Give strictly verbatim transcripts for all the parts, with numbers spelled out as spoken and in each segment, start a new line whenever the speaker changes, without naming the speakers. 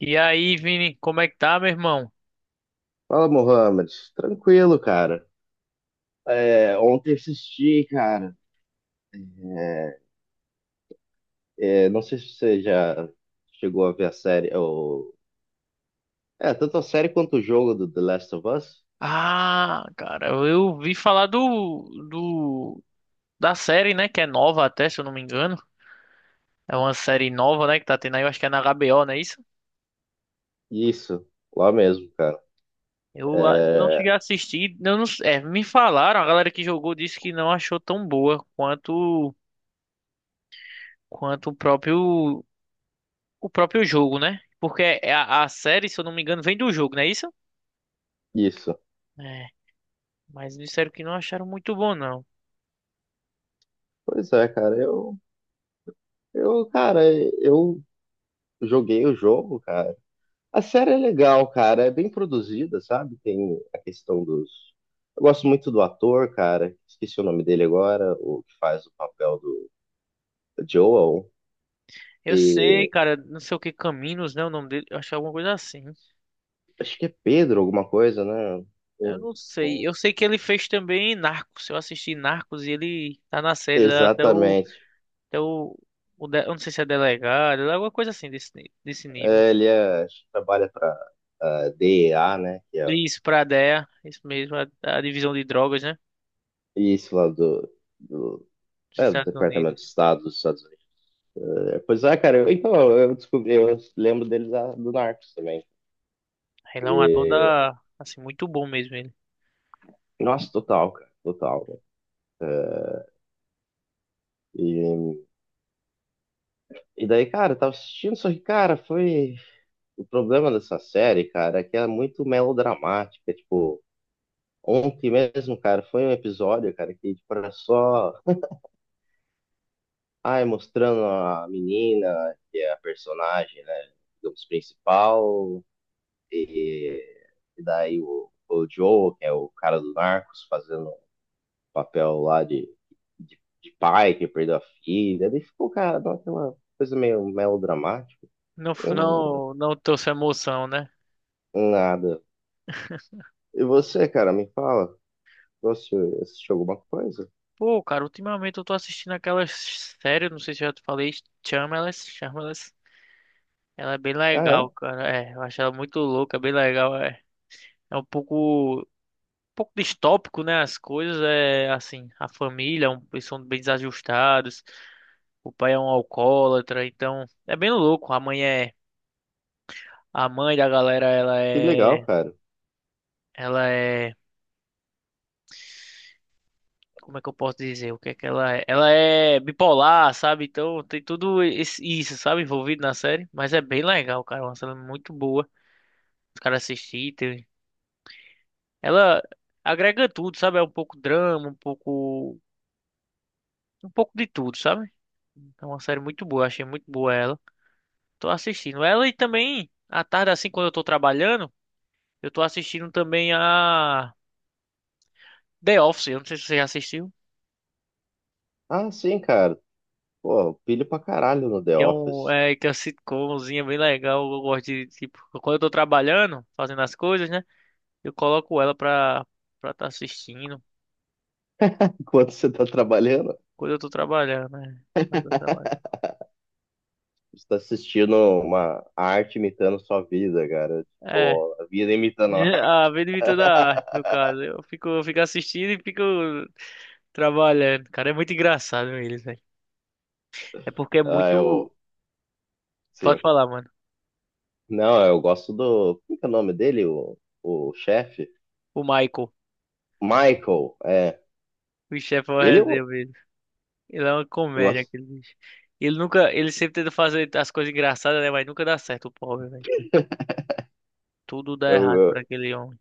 E aí, Vini, como é que tá, meu irmão?
Fala, Mohamed. Tranquilo, cara. É, ontem assisti, cara. É, é, não sei se você já chegou a ver a série, ou... É, tanto a série quanto o jogo do The Last of Us.
Ah, cara, eu vi falar do, do da série, né? Que é nova até, se eu não me engano. É uma série nova, né? Que tá tendo aí, eu acho que é na H B O, não é isso?
Isso, lá mesmo, cara.
Eu ah, não
É,
cheguei a assistir. Eu não, é, me falaram, a galera que jogou disse que não achou tão boa quanto quanto o próprio o próprio jogo, né? Porque é a, a série, se eu não me engano, vem do jogo, não é isso?
isso.
É, mas disseram que não acharam muito bom, não.
Pois é, cara. Eu, eu, cara, eu joguei o jogo, cara. A série é legal, cara. É bem produzida, sabe? Tem a questão dos. Eu gosto muito do ator, cara. Esqueci o nome dele agora, o que faz o papel do Joel
Eu sei,
e
cara, não sei o que Caminos, né? O nome dele, eu acho que é alguma coisa assim.
acho que é Pedro alguma coisa, né?
Eu
Um-
não sei.
um-
Eu sei que ele fez também Narcos. Eu assisti Narcos e ele tá na série lá até o,
Exatamente.
até o, o de- eu não sei se é delegado, é alguma coisa assim desse, ni- desse nível.
É, ele é- acho que trabalha para a D E A, né? Que é
Isso, pra D E A, isso mesmo, a, a divisão de drogas, né?
isso lá do, do,
Dos
é, do
Estados
Departamento de
Unidos.
Estado dos Estados Unidos. É, pois é, cara. Eu- então, eu descobri, eu lembro deles da- do Narcos também.
Ele é um ator
E,
da, assim, muito bom mesmo ele.
nossa, total, cara. Total. Né? E, e daí, cara, eu tava assistindo, só que, cara, foi. O problema dessa série, cara, é que ela é muito melodramática, tipo. Ontem mesmo, cara, foi um episódio, cara, que tipo, era só, ai, mostrando a menina, que é a personagem, né, digamos, principal, e, e daí o, o Joe, que é o cara do Narcos, fazendo um papel lá de, de, de pai que perdeu a filha, daí ficou, cara, dá aquela coisa meio melodramática,
Não,
eu
f-
não,
não, não trouxe emoção, né?
nada. E você, cara, me fala, você assistiu alguma coisa?
Pô, cara, ultimamente eu tô assistindo aquelas séries, não sei se eu já te falei, Shameless, Shameless. Ela é bem
Ah,
legal,
é?
cara. É, eu acho ela muito louca, é bem legal. É, é um pouco, um pouco distópico, né? As coisas é assim, a família, é um, eles são bem desajustados. O pai é um alcoólatra, então é bem louco. A mãe é, a mãe da galera, ela
Que legal,
é,
cara.
ela é, como é que eu posso dizer? O que é que ela é? Ela é bipolar, sabe? Então tem tudo esse- isso, sabe, envolvido na série. Mas é bem legal, cara. É uma série muito boa. Os caras assistirem. Ela agrega tudo, sabe? É um pouco drama, um pouco. Um pouco de tudo, sabe? É uma série muito boa, achei muito boa ela. Tô assistindo ela e também, à tarde, assim, quando eu tô trabalhando, eu tô assistindo também a The Office. Eu não sei se você já assistiu.
Ah, sim, cara. Pô, pilho pra caralho no The
Que é um.
Office.
É, que é uma sitcomzinha bem legal. Eu gosto de, tipo, quando eu tô trabalhando, fazendo as coisas, né? Eu coloco ela pra, pra tá assistindo.
Enquanto você tá trabalhando,
Quando eu tô trabalhando, né? Quando eu trabalho.
você tá assistindo uma arte imitando sua vida, cara.
É,
Tipo, a vida imitando a
é,
arte.
a Benedita da Arte, no caso. Eu fico, eu fico assistindo e fico trabalhando. Cara, é muito engraçado eles, velho. É porque é
Ah, eu.
muito. Pode
Sim.
falar, mano.
Não, eu gosto do. Como que é o nome dele? O, o chefe?
O Michael,
Michael, é.
o chefe é uma
Ele
resenha
eu,
mesmo. Ele é uma
eu
comédia,
gosto.
aquele bicho. Ele nunca. Ele sempre tenta fazer as coisas engraçadas, né? Mas nunca dá certo, o pobre, velho. Tudo dá
Eu,
errado pra
eu-
aquele homem.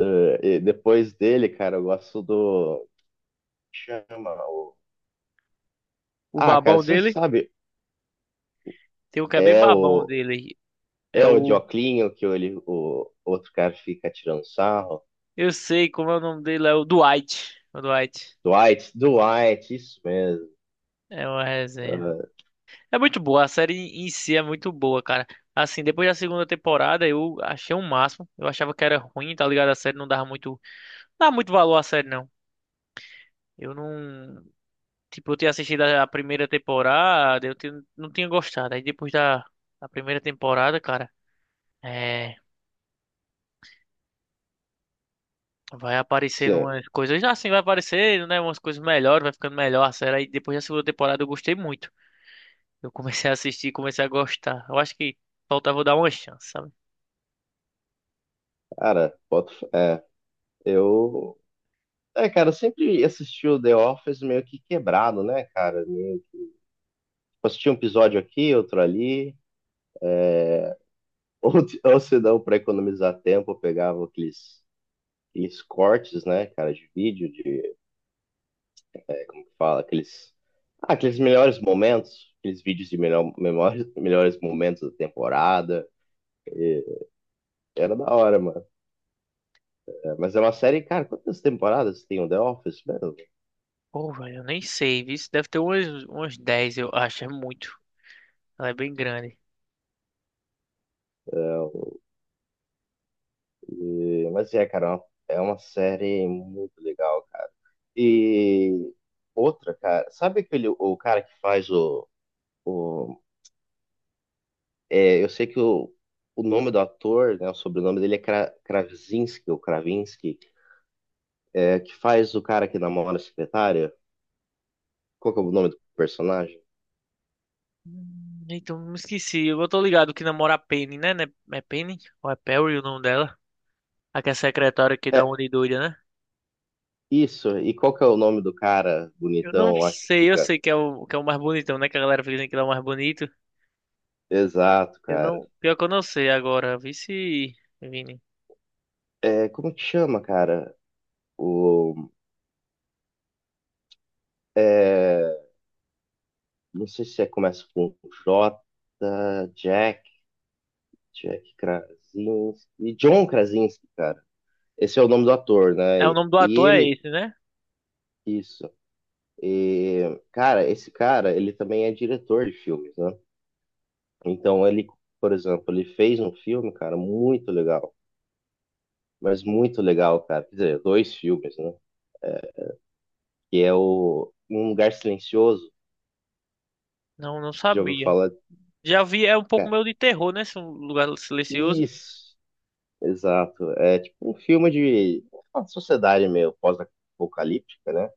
eh, e depois dele, cara, eu gosto do. Chama o.
O
Ah, cara,
babão
você
dele,
sabe.
tem um que é bem
É
babão
o.
dele. É
É o de
o.
que ele, o outro cara fica tirando sarro.
Eu sei como é o nome dele, é o Dwight. O Dwight.
Dwight, Dwight, isso mesmo.
É uma resenha.
Ah,
É muito boa, a série em si é muito boa, cara. Assim, depois da segunda temporada eu achei o máximo. Eu achava que era ruim, tá ligado? A série não dava muito, não dava muito valor à série, não. Eu não, tipo, eu tinha assistido a a primeira temporada, eu tinha- não tinha gostado. Aí depois da, da primeira temporada, cara, é, vai aparecendo
sim,
umas coisas, assim, vai aparecendo, né, umas coisas melhores, vai ficando melhor a série. Aí depois da segunda temporada eu gostei muito. Eu comecei a assistir, comecei a gostar. Eu acho que faltava eu dar uma chance, sabe?
cara, boto, fé. É, eu. É, cara, eu sempre assisti o The Office meio que quebrado, né, cara? Meio- tipo, assistia um episódio aqui, outro ali. Ou, ou se não, pra economizar tempo, eu pegava aqueles, aqueles cortes, né, cara, de vídeo, de. Como que fala, aqueles. Ah, aqueles melhores momentos, aqueles vídeos de melhor, memórias- melhores momentos da temporada. Era da hora, mano. É, mas é uma série, cara, quantas temporadas tem o The Office, mano?
Pô, velho, eu nem sei, viu? Deve ter umas, umas dez, eu acho. É muito. Ela é bem grande.
Então, é, mas é, cara, é uma- é uma série muito legal, cara. E outra, cara, sabe aquele o cara que faz o, o é, eu sei que o, o nome do ator, né, o sobrenome dele é Kra, Krasinski ou Kravinsky, é, que faz o cara que namora a secretária? Qual que é o nome do personagem?
Hum, Então, me esqueci. Eu tô ligado que namora a Penny, né? Né- é Penny? Ou é Perry o nome dela? A que é secretária que dá uma
É,
de doida, né?
isso. E qual que é o nome do cara
Eu não
bonitão lá que
sei, eu
fica?
sei que é o, que é o mais bonitão, né? Que a galera fica dizendo que ele é o mais bonito.
Exato,
Eu
cara.
não. Pior que eu não sei agora. Vice, Vini.
É, como que chama, cara? O, é, não sei se é, começa com J, Jack, Jack Krasinski, John Krasinski, cara. Esse é o nome do ator, né?
É, o
E,
nome do
e
ator é
ele,
esse, né?
isso. E, cara, esse cara, ele também é diretor de filmes, né? Então, ele, por exemplo, ele fez um filme, cara, muito legal. Mas muito legal, cara. Quer dizer, dois filmes, né? É, que é o Um Lugar Silencioso.
Não, não
Já ouviu
sabia.
falar?
Já vi, é um pouco
Cara,
meio de terror, né? Esse lugar silencioso.
isso! Exato. É tipo um filme de uma sociedade meio pós-apocalíptica, né?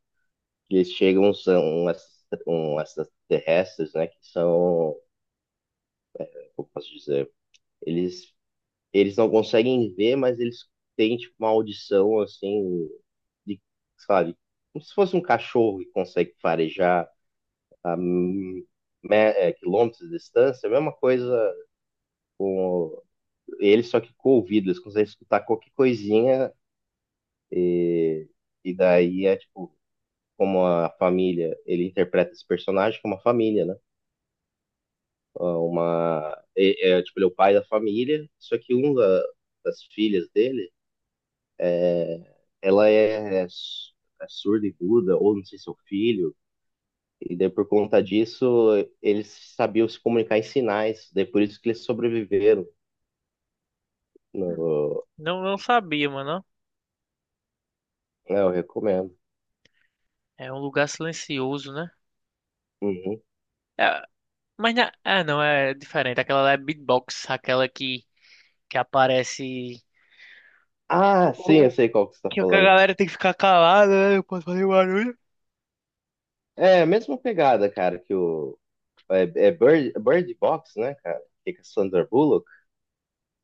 Que eles chegam, são esses um, extraterrestres, né? Que são, como posso dizer, eles, eles não conseguem ver, mas eles têm tipo, uma audição assim, de, sabe? Como se fosse um cachorro que consegue farejar a me- é, quilômetros de distância, a mesma coisa com eles, só que com o ouvido, eles conseguem escutar qualquer coisinha. E, e daí é tipo, como a família, ele interpreta esse personagem como uma família, né? Ah, uma, é, é, tipo, ele é o pai da família, só que uma das filhas dele, ela é, é su- é surda e muda, ou não sei se é o filho, e daí por conta disso, eles sabiam se comunicar em sinais, daí por isso que eles sobreviveram.
Hum.
No...
Não, não sabia, mano.
É, eu recomendo.
É um lugar silencioso, né?
Uhum.
É, mas na... Ah, não, é diferente. Aquela lá é beatbox, aquela que, que aparece.
Ah, sim,
O...
eu
o-
sei qual que você tá
Que a
falando.
galera tem que ficar calada, né? Eu posso fazer barulho.
É a mesma pegada, cara, que o É, é Bird, Bird Box, né, cara? Que é com a Sandra Bullock.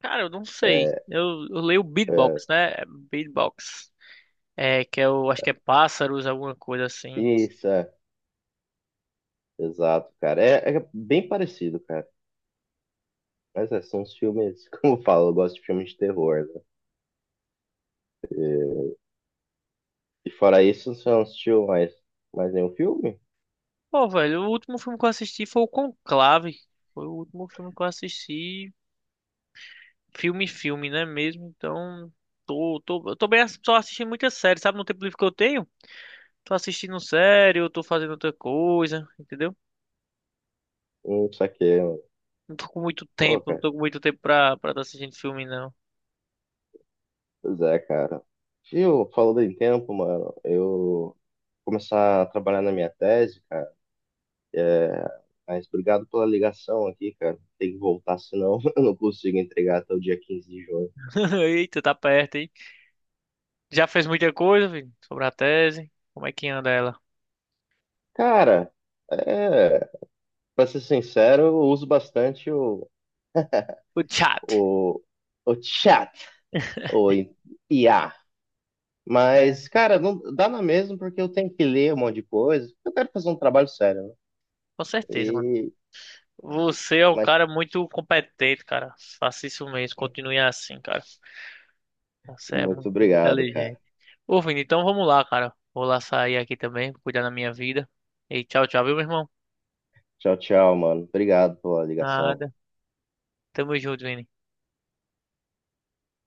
Cara, eu não sei.
É,
Eu, eu leio
é,
beatbox, né? É beatbox. É, que é o. Acho que é pássaros, alguma coisa assim.
isso, é, exato, cara. É, é bem parecido, cara. Mas é, são os filmes, como eu falo, eu gosto de filmes de terror, né? E, e fora isso, você não assistiu mais, mais nenhum filme?
Pô, velho, o último filme que eu assisti foi o Conclave. Foi o último filme que eu assisti. Filme, filme, né mesmo? Então. Tô, tô, eu tô bem, ass- só assistindo muitas séries, sabe? No tempo livre que eu tenho. Tô assistindo série, eu tô fazendo outra coisa, entendeu?
Hum, isso aqui,
Não tô com muito
pô,
tempo, não
cara.
tô com muito tempo pra, pra tá assistindo filme, não.
Pois é, cara. E eu falando em tempo, mano, eu começar a trabalhar na minha tese, cara. É, mas obrigado pela ligação aqui, cara. Tem que voltar, senão eu não consigo entregar até o dia quinze de junho.
Eita, tá perto, hein? Já fez muita coisa, filho, sobre a tese. Como é que anda ela?
Cara, é, para ser sincero, eu uso bastante o,
O chat.
o, o chat, o I A.
É.
Mas, cara, não dá na mesma porque eu tenho que ler um monte de coisa. Eu quero fazer um trabalho sério, né?
Com certeza, mano.
E,
Você é um
mas
cara muito competente, cara. Faça isso mesmo, continue assim, cara. Você é
muito
muito, muito
obrigado, cara.
inteligente. Ô, Vini, então vamos lá, cara. Vou lá sair aqui também, cuidar da minha vida. E tchau, tchau, viu, meu irmão?
Tchau, tchau, mano. Obrigado pela ligação.
Nada. Tamo junto, Vini.